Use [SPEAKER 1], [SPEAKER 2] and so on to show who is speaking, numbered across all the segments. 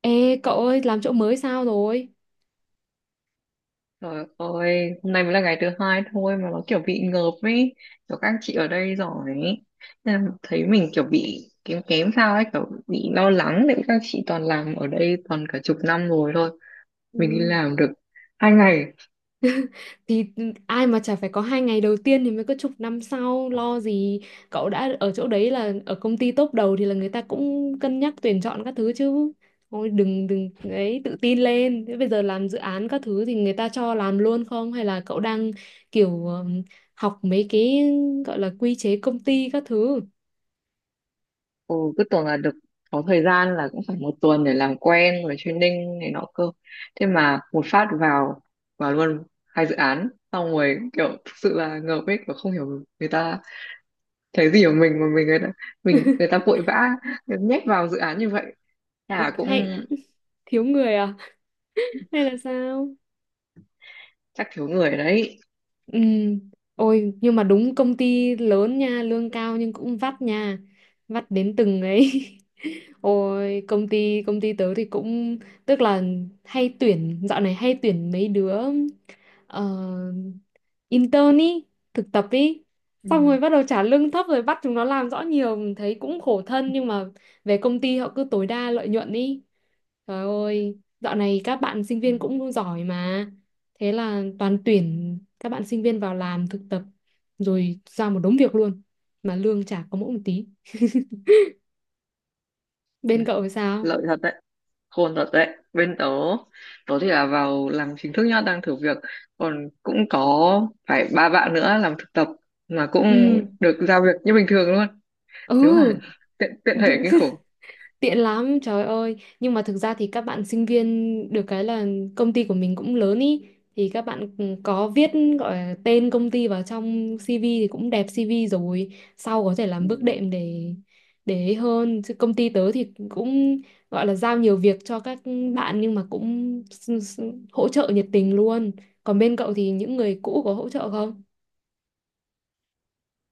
[SPEAKER 1] Ê cậu ơi, làm chỗ mới sao rồi?
[SPEAKER 2] Trời ơi, hôm nay mới là ngày thứ hai thôi mà nó kiểu bị ngợp ấy, kiểu các chị ở đây giỏi ấy. Nên là thấy mình kiểu bị kém kém sao ấy, kiểu bị lo lắng đấy, các chị toàn làm ở đây toàn cả chục năm rồi thôi.
[SPEAKER 1] Ừ.
[SPEAKER 2] Mình đi làm được hai ngày,
[SPEAKER 1] Thì ai mà chả phải có hai ngày đầu tiên. Thì mới có chục năm sau, lo gì. Cậu đã ở chỗ đấy là ở công ty top đầu thì là người ta cũng cân nhắc tuyển chọn các thứ chứ. Thôi, đừng đừng ấy, tự tin lên. Thế bây giờ làm dự án các thứ thì người ta cho làm luôn không, hay là cậu đang kiểu học mấy cái gọi là quy chế công ty các thứ?
[SPEAKER 2] ừ, cứ tưởng là được có thời gian là cũng phải một tuần để làm quen rồi training này nọ cơ. Thế mà một phát vào vào luôn hai dự án, xong rồi kiểu thực sự là ngợp ấy, kiểu không hiểu người ta cái gì của mình mà mình người ta vội vã nhét vào dự án như vậy. Nhà cũng
[SPEAKER 1] Hay thiếu người à? Hay là sao?
[SPEAKER 2] chắc thiếu người đấy.
[SPEAKER 1] Ừ. Ôi nhưng mà đúng công ty lớn nha, lương cao nhưng cũng vắt nha. Vắt đến từng ấy. Ôi, công ty tớ thì cũng tức là hay tuyển, dạo này hay tuyển mấy đứa ờ, intern ý, thực tập ý.
[SPEAKER 2] Ừ.
[SPEAKER 1] Xong rồi bắt đầu trả lương thấp rồi bắt chúng nó làm rõ nhiều, mình thấy cũng khổ thân, nhưng mà về công ty họ cứ tối đa lợi nhuận ý. Trời ơi, dạo này các bạn sinh
[SPEAKER 2] Ừ.
[SPEAKER 1] viên cũng giỏi mà. Thế là toàn tuyển các bạn sinh viên vào làm thực tập rồi ra một đống việc luôn mà lương chả có mỗi một tí.
[SPEAKER 2] Nhỉ,
[SPEAKER 1] Bên cậu thì sao?
[SPEAKER 2] lợi thật đấy, khôn thật đấy. Bên tớ tớ thì là vào làm chính thức nhá, đang thử việc, còn cũng có phải ba bạn nữa làm thực tập mà cũng
[SPEAKER 1] Ừ,
[SPEAKER 2] được giao việc như bình thường luôn. Nếu
[SPEAKER 1] ừ,
[SPEAKER 2] mà tiện tiện thể kinh khủng.
[SPEAKER 1] tiện lắm, trời ơi. Nhưng mà thực ra thì các bạn sinh viên được cái là công ty của mình cũng lớn ý. Thì các bạn có viết gọi là tên công ty vào trong CV thì cũng đẹp CV rồi. Sau có thể làm bước
[SPEAKER 2] Ừ.
[SPEAKER 1] đệm để ấy hơn. Chứ công ty tớ thì cũng gọi là giao nhiều việc cho các bạn nhưng mà cũng hỗ trợ nhiệt tình luôn. Còn bên cậu thì những người cũ có hỗ trợ không?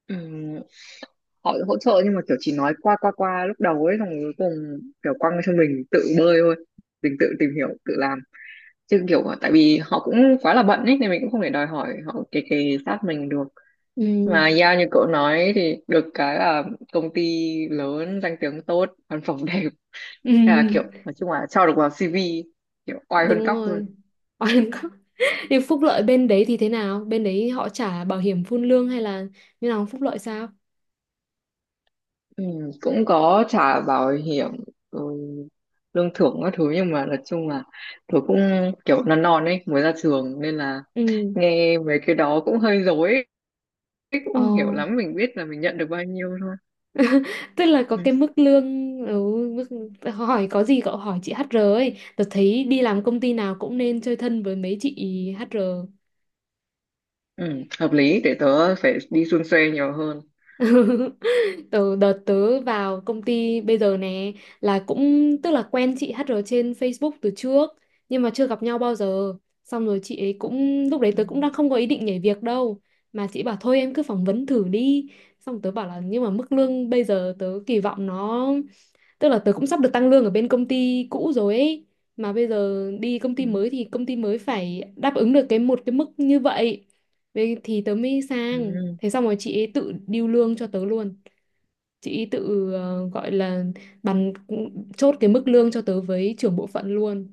[SPEAKER 2] Ừm, họ hỗ trợ nhưng mà kiểu chỉ nói qua qua qua lúc đầu ấy, xong rồi cuối cùng kiểu quăng cho mình tự bơi thôi, mình tự tìm hiểu tự làm, chứ kiểu tại vì họ cũng quá là bận ấy nên mình cũng không thể đòi hỏi họ kề kề sát mình được.
[SPEAKER 1] Ừ.
[SPEAKER 2] Mà yeah, như cậu nói thì được cái là công ty lớn, danh tiếng tốt, văn phòng đẹp. Thế là kiểu
[SPEAKER 1] Ừ.
[SPEAKER 2] nói chung là cho được vào CV, kiểu oai hơn
[SPEAKER 1] Đúng
[SPEAKER 2] cóc luôn.
[SPEAKER 1] rồi, oan có nhưng phúc lợi bên đấy thì thế nào, bên đấy họ trả bảo hiểm phun lương hay là như nào, phúc lợi sao?
[SPEAKER 2] Ừ, cũng có trả bảo hiểm, ừ, lương thưởng các thứ, nhưng mà nói chung là tôi cũng kiểu non non ấy, mới ra trường nên là
[SPEAKER 1] Ừ,
[SPEAKER 2] nghe mấy cái đó cũng hơi rối ấy, cũng
[SPEAKER 1] ồ,
[SPEAKER 2] không hiểu lắm, mình biết là mình nhận được bao nhiêu thôi.
[SPEAKER 1] tức là có
[SPEAKER 2] Ừ,
[SPEAKER 1] cái mức lương, ừ, mức hỏi có gì cậu hỏi chị HR ấy, tớ thấy đi làm công ty nào cũng nên chơi thân với mấy chị HR.
[SPEAKER 2] ừ, hợp lý, để tớ phải đi suôn xuê nhiều hơn.
[SPEAKER 1] Từ đợt tớ vào công ty bây giờ nè là cũng tức là quen chị HR trên Facebook từ trước nhưng mà chưa gặp nhau bao giờ, xong rồi chị ấy cũng, lúc đấy
[SPEAKER 2] Ừ,
[SPEAKER 1] tớ cũng đang không có ý định nhảy việc đâu, mà chị bảo thôi em cứ phỏng vấn thử đi. Xong tớ bảo là nhưng mà mức lương bây giờ tớ kỳ vọng nó, tức là tớ cũng sắp được tăng lương ở bên công ty cũ rồi ấy, mà bây giờ đi công
[SPEAKER 2] ừ,
[SPEAKER 1] ty mới thì công ty mới phải đáp ứng được cái một cái mức như vậy. Vậy thì tớ mới sang.
[SPEAKER 2] ừ.
[SPEAKER 1] Thế xong rồi chị ấy tự điêu lương cho tớ luôn, chị tự gọi là bàn, chốt cái mức lương cho tớ với trưởng bộ phận luôn,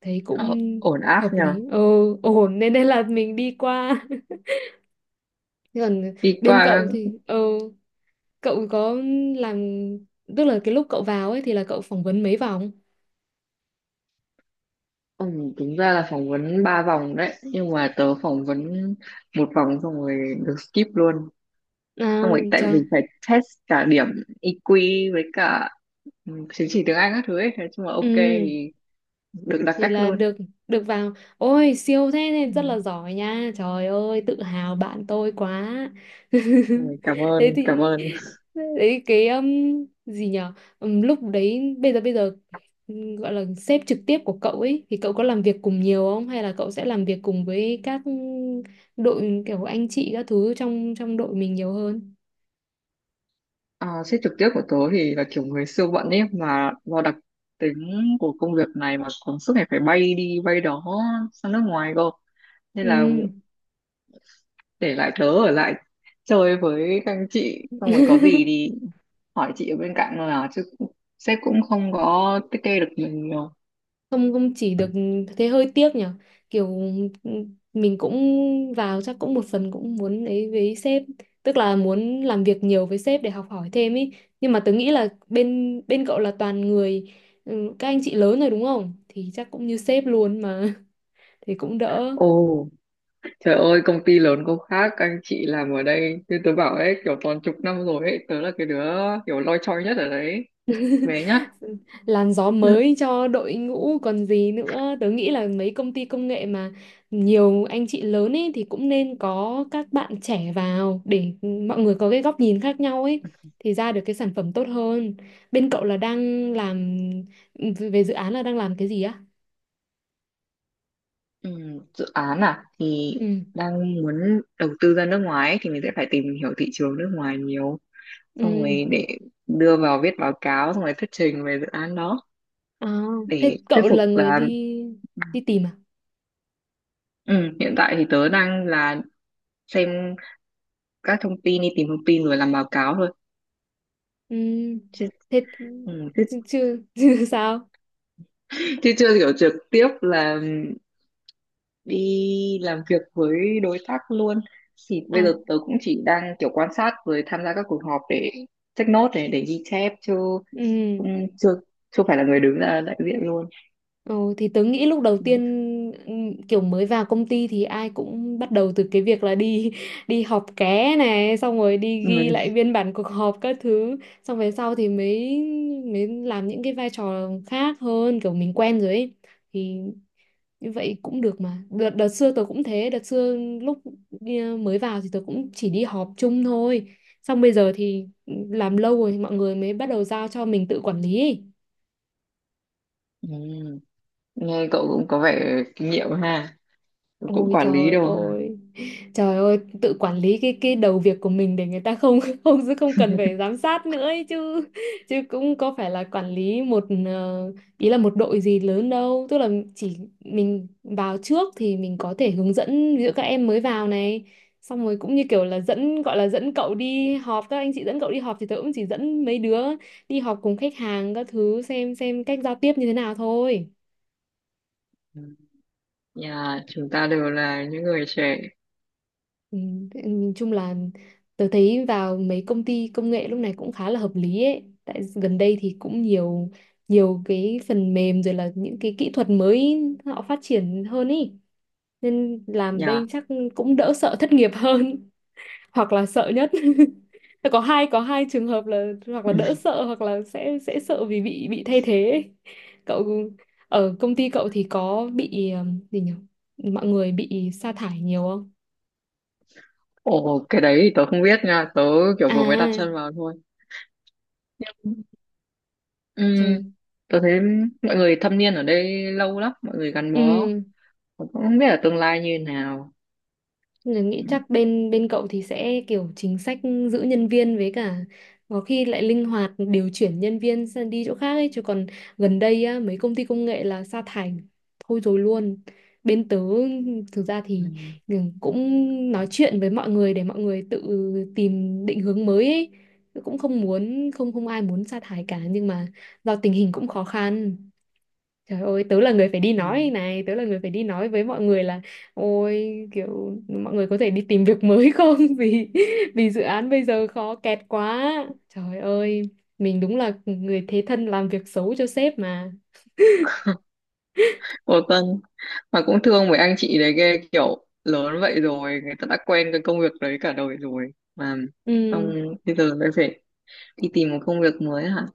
[SPEAKER 1] thấy
[SPEAKER 2] Ờ,
[SPEAKER 1] cũng
[SPEAKER 2] ổn áp
[SPEAKER 1] hợp
[SPEAKER 2] nhờ.
[SPEAKER 1] lý, ờ, ổn, nên nên là mình đi qua. Thế còn
[SPEAKER 2] Đi
[SPEAKER 1] bên
[SPEAKER 2] qua.
[SPEAKER 1] cậu thì ờ, cậu có làm, tức là cái lúc cậu vào ấy thì là cậu phỏng vấn mấy vòng?
[SPEAKER 2] Ừ, đúng ra là phỏng vấn ba vòng đấy nhưng mà tớ phỏng vấn một vòng xong rồi được skip luôn. Xong
[SPEAKER 1] À,
[SPEAKER 2] rồi tại
[SPEAKER 1] trời,
[SPEAKER 2] vì phải test cả điểm EQ với cả, ừ, chứng chỉ tiếng Anh các thứ ấy, thế chung là ok
[SPEAKER 1] ừ,
[SPEAKER 2] thì được đặc
[SPEAKER 1] thì
[SPEAKER 2] cách
[SPEAKER 1] là
[SPEAKER 2] luôn.
[SPEAKER 1] được, được vào. Ôi siêu thế, nên rất
[SPEAKER 2] Ừ.
[SPEAKER 1] là giỏi nha, trời ơi, tự hào bạn tôi quá.
[SPEAKER 2] Ôi, cảm
[SPEAKER 1] Thế
[SPEAKER 2] ơn cảm
[SPEAKER 1] thì
[SPEAKER 2] ơn.
[SPEAKER 1] đấy cái gì nhở? Lúc đấy, bây giờ gọi là sếp trực tiếp của cậu ấy thì cậu có làm việc cùng nhiều không, hay là cậu sẽ làm việc cùng với các đội kiểu anh chị các thứ trong trong đội mình nhiều hơn?
[SPEAKER 2] À, sếp trực tiếp của tớ thì là kiểu người siêu bận ấy, mà do đặc tính của công việc này mà còn suốt ngày phải bay đi bay đó, sang nước ngoài cơ, nên là
[SPEAKER 1] Ừ.
[SPEAKER 2] để lại tớ ở lại chơi với các anh chị, xong rồi có gì thì hỏi chị ở bên cạnh thôi, à chứ sếp cũng không có tiết kê được mình nhiều.
[SPEAKER 1] Không không chỉ được, thế hơi tiếc nhở, kiểu ừ, mình cũng vào chắc cũng một phần cũng muốn ấy với sếp, tức là muốn làm việc nhiều với sếp để học hỏi thêm ý, nhưng mà tớ nghĩ là bên bên cậu là toàn người, ừ, các anh chị lớn rồi đúng không, thì chắc cũng như sếp luôn mà. Thì cũng đỡ,
[SPEAKER 2] Ồ. Trời ơi, công ty lớn có khác, anh chị làm ở đây như tớ bảo ấy, kiểu toàn chục năm rồi ấy. Tớ là cái đứa kiểu loi choi nhất ở đấy. Bé nhất.
[SPEAKER 1] làn gió
[SPEAKER 2] Ừ,
[SPEAKER 1] mới cho đội ngũ còn gì nữa. Tớ nghĩ là mấy công ty công nghệ mà nhiều anh chị lớn ấy thì cũng nên có các bạn trẻ vào để mọi người có cái góc nhìn khác nhau ấy, thì ra được cái sản phẩm tốt hơn. Bên cậu là đang làm về dự án là đang làm cái gì á?
[SPEAKER 2] ừ, dự án à? Thì
[SPEAKER 1] Ừ,
[SPEAKER 2] đang muốn đầu tư ra nước ngoài ấy, thì mình sẽ phải tìm hiểu thị trường nước ngoài nhiều.
[SPEAKER 1] ừ,
[SPEAKER 2] Xong rồi để đưa vào viết báo cáo, xong rồi thuyết trình về dự án đó.
[SPEAKER 1] à, thế
[SPEAKER 2] Để thuyết
[SPEAKER 1] cậu
[SPEAKER 2] phục
[SPEAKER 1] là người
[SPEAKER 2] là,
[SPEAKER 1] đi đi tìm à?
[SPEAKER 2] ừ, hiện tại thì tớ đang là xem các thông tin, đi tìm thông tin rồi làm báo cáo thôi.
[SPEAKER 1] Ừ,
[SPEAKER 2] Chứ,
[SPEAKER 1] thế
[SPEAKER 2] ừ, chứ,
[SPEAKER 1] chứ, chứ, sao?
[SPEAKER 2] chứ chưa hiểu trực tiếp là đi làm việc với đối tác luôn, thì bây
[SPEAKER 1] À,
[SPEAKER 2] giờ tớ cũng chỉ đang kiểu quan sát rồi tham gia các cuộc họp để check note này, để ghi chép, chứ
[SPEAKER 1] ừ.
[SPEAKER 2] cũng chưa chưa phải là người đứng ra đại diện luôn.
[SPEAKER 1] Ừ, thì tớ nghĩ lúc đầu
[SPEAKER 2] Ừ.
[SPEAKER 1] tiên kiểu mới vào công ty thì ai cũng bắt đầu từ cái việc là đi đi họp ké này, xong rồi đi
[SPEAKER 2] Ừ.
[SPEAKER 1] ghi lại biên bản cuộc họp các thứ, xong về sau thì mới mới làm những cái vai trò khác hơn kiểu mình quen rồi ấy, thì như vậy cũng được mà. Đợt xưa tớ cũng thế, đợt xưa lúc mới vào thì tớ cũng chỉ đi họp chung thôi, xong bây giờ thì ừ, làm lâu rồi mọi người mới bắt đầu giao cho mình tự quản lý ấy.
[SPEAKER 2] Ừ. Nghe cậu cũng có vẻ kinh nghiệm ha, cũng
[SPEAKER 1] Ôi
[SPEAKER 2] quản lý
[SPEAKER 1] trời
[SPEAKER 2] đâu ha.
[SPEAKER 1] ơi, trời ơi, tự quản lý cái đầu việc của mình để người ta không không không cần phải giám sát nữa ấy chứ, chứ cũng có phải là quản lý một ý là một đội gì lớn đâu, tức là chỉ mình vào trước thì mình có thể hướng dẫn ví dụ các em mới vào này, xong rồi cũng như kiểu là dẫn, gọi là dẫn cậu đi họp, các anh chị dẫn cậu đi họp thì tớ cũng chỉ dẫn mấy đứa đi họp cùng khách hàng các thứ, xem cách giao tiếp như thế nào thôi.
[SPEAKER 2] Ừ. Nhà chúng ta đều là những người trẻ.
[SPEAKER 1] Ừ, thế nhìn chung là tớ thấy vào mấy công ty công nghệ lúc này cũng khá là hợp lý ấy. Tại gần đây thì cũng nhiều nhiều cái phần mềm rồi là những cái kỹ thuật mới họ phát triển hơn ý. Nên làm đây
[SPEAKER 2] Nhà.
[SPEAKER 1] chắc cũng đỡ sợ thất nghiệp hơn, hoặc là sợ nhất. Có hai, có hai trường hợp là hoặc là
[SPEAKER 2] Ừ.
[SPEAKER 1] đỡ sợ, hoặc là sẽ sợ vì bị thay thế ấy. Cậu ở công ty cậu thì có bị gì nhỉ, mọi người bị sa thải nhiều không?
[SPEAKER 2] Ồ, cái đấy thì tớ không biết nha, tớ kiểu
[SPEAKER 1] À,
[SPEAKER 2] vừa mới đặt chân vào thôi. Ừ,
[SPEAKER 1] trời,
[SPEAKER 2] tôi thấy mọi người thâm niên ở đây lâu lắm, mọi người gắn bó.
[SPEAKER 1] ừ,
[SPEAKER 2] Mà cũng không biết ở tương lai như nào.
[SPEAKER 1] mình nghĩ
[SPEAKER 2] Ừ,
[SPEAKER 1] chắc bên bên cậu thì sẽ kiểu chính sách giữ nhân viên, với cả có khi lại linh hoạt điều chuyển nhân viên sang đi chỗ khác ấy chứ, còn gần đây á, mấy công ty công nghệ là sa thải thôi rồi luôn. Bên tớ thực ra thì
[SPEAKER 2] ừ,
[SPEAKER 1] ừ, cũng nói chuyện với mọi người để mọi người tự tìm định hướng mới ấy. Cũng không muốn, không không ai muốn sa thải cả nhưng mà do tình hình cũng khó khăn. Trời ơi, tớ là người phải đi
[SPEAKER 2] ừ.
[SPEAKER 1] nói này, tớ là người phải đi nói với mọi người là ôi kiểu mọi người có thể đi tìm việc mới không, vì vì dự án bây giờ khó kẹt quá. Trời ơi, mình đúng là người thế thân làm việc xấu cho sếp mà.
[SPEAKER 2] Ủa Tân, mà cũng thương mấy anh chị đấy ghê, kiểu lớn vậy rồi người ta đã quen cái công việc đấy cả đời rồi mà,
[SPEAKER 1] Ừ.
[SPEAKER 2] xong bây giờ lại phải đi tìm một công việc mới hả,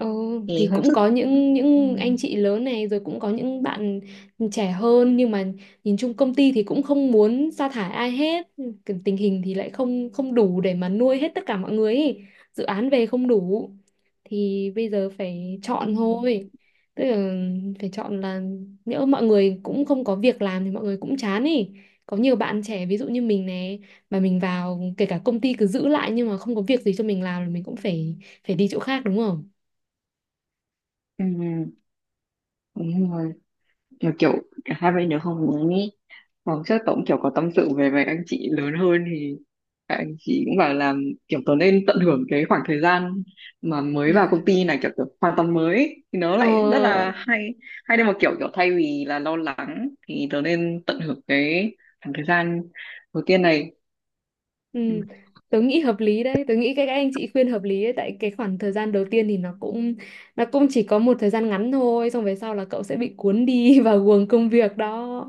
[SPEAKER 1] Ừ,
[SPEAKER 2] thì
[SPEAKER 1] thì
[SPEAKER 2] không
[SPEAKER 1] cũng
[SPEAKER 2] sức.
[SPEAKER 1] có những
[SPEAKER 2] Ừ,
[SPEAKER 1] những anh chị lớn này, rồi cũng có những bạn trẻ hơn, nhưng mà nhìn chung công ty thì cũng không muốn sa thải ai hết. Cái tình hình thì lại không không đủ để mà nuôi hết tất cả mọi người ý. Dự án về không đủ thì bây giờ phải
[SPEAKER 2] ừ,
[SPEAKER 1] chọn thôi, tức là phải chọn là nhỡ mọi người cũng không có việc làm thì mọi người cũng chán ý, có nhiều bạn trẻ ví dụ như mình này, mà mình vào kể cả công ty cứ giữ lại nhưng mà không có việc gì cho mình làm thì mình cũng phải phải đi chỗ khác, đúng không?
[SPEAKER 2] ừ. Đúng rồi, mà kiểu cả hai bên đều không muốn ý. Hoặc chắc tớ kiểu có tâm sự về với anh chị lớn hơn thì các anh chị cũng bảo là kiểu tớ nên tận hưởng cái khoảng thời gian mà mới vào công ty này, kiểu, kiểu hoàn toàn mới ấy, thì nó lại rất là
[SPEAKER 1] Ờ,
[SPEAKER 2] hay, hay đến một kiểu, kiểu thay vì là lo lắng thì tớ nên tận hưởng cái khoảng thời gian đầu tiên này.
[SPEAKER 1] ừ,
[SPEAKER 2] Ừ.
[SPEAKER 1] tớ nghĩ hợp lý đấy, tớ nghĩ các anh chị khuyên hợp lý đấy, tại cái khoảng thời gian đầu tiên thì nó cũng chỉ có một thời gian ngắn thôi, xong về sau là cậu sẽ bị cuốn đi vào guồng công việc đó,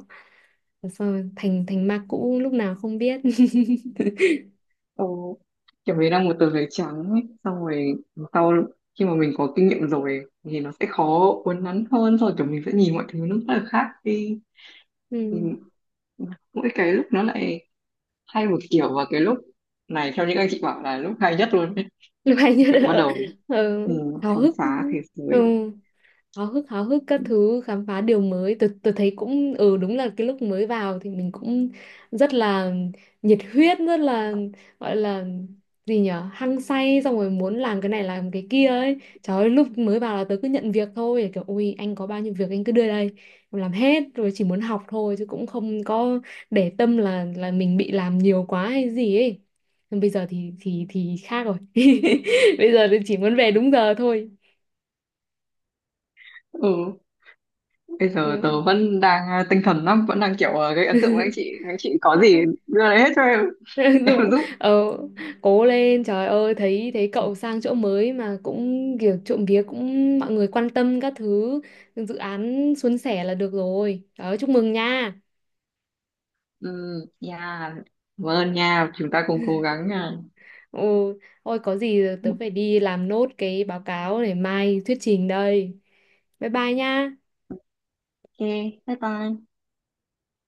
[SPEAKER 1] xong rồi thành thành ma cũ lúc nào không biết.
[SPEAKER 2] Ồ, kiểu mình đang một tờ giấy trắng ấy, xong rồi sau khi mà mình có kinh nghiệm rồi thì nó sẽ khó uốn nắn hơn, rồi kiểu mình sẽ nhìn mọi thứ nó rất là khác đi.
[SPEAKER 1] Ừ.
[SPEAKER 2] Mình- mỗi cái lúc nó lại hay một kiểu, và cái lúc này theo những anh chị bảo là lúc hay nhất luôn ấy.
[SPEAKER 1] Lúc hay nhất
[SPEAKER 2] Kiểu bắt
[SPEAKER 1] là
[SPEAKER 2] đầu,
[SPEAKER 1] ừ,
[SPEAKER 2] ừ,
[SPEAKER 1] háo
[SPEAKER 2] khám
[SPEAKER 1] hức.
[SPEAKER 2] phá thế
[SPEAKER 1] Ừ,
[SPEAKER 2] giới.
[SPEAKER 1] háo hức các thứ, khám phá điều mới, tôi thấy cũng ừ đúng là cái lúc mới vào thì mình cũng rất là nhiệt huyết, rất là gọi là gì nhở, hăng say, xong rồi muốn làm cái này làm cái kia ấy. Trời ơi, lúc mới vào là tớ cứ nhận việc thôi, kiểu ui anh có bao nhiêu việc anh cứ đưa đây em làm hết, rồi chỉ muốn học thôi chứ cũng không có để tâm là mình bị làm nhiều quá hay gì ấy. Nhưng bây giờ thì thì khác rồi, bây giờ thì chỉ muốn về đúng giờ thôi.
[SPEAKER 2] Ừ, bây giờ
[SPEAKER 1] Ừ.
[SPEAKER 2] tớ vẫn đang, à, tinh thần lắm, vẫn đang kiểu, à, gây ấn tượng với anh chị, anh chị có
[SPEAKER 1] Dạ.
[SPEAKER 2] gì đưa lấy hết cho em, em
[SPEAKER 1] Đúng,
[SPEAKER 2] giúp.
[SPEAKER 1] ờ, cố lên. Trời ơi, thấy thấy cậu sang chỗ mới mà cũng kiểu trộm vía cũng mọi người quan tâm các thứ, dự án suôn sẻ là được rồi. Trời ơi, chúc mừng nha.
[SPEAKER 2] Ừ, yeah, vâng nha, chúng ta cùng cố gắng nha.
[SPEAKER 1] Ừ, thôi có gì tớ phải đi làm nốt cái báo cáo để mai thuyết trình đây, bye bye nha.
[SPEAKER 2] Ok, bye bye.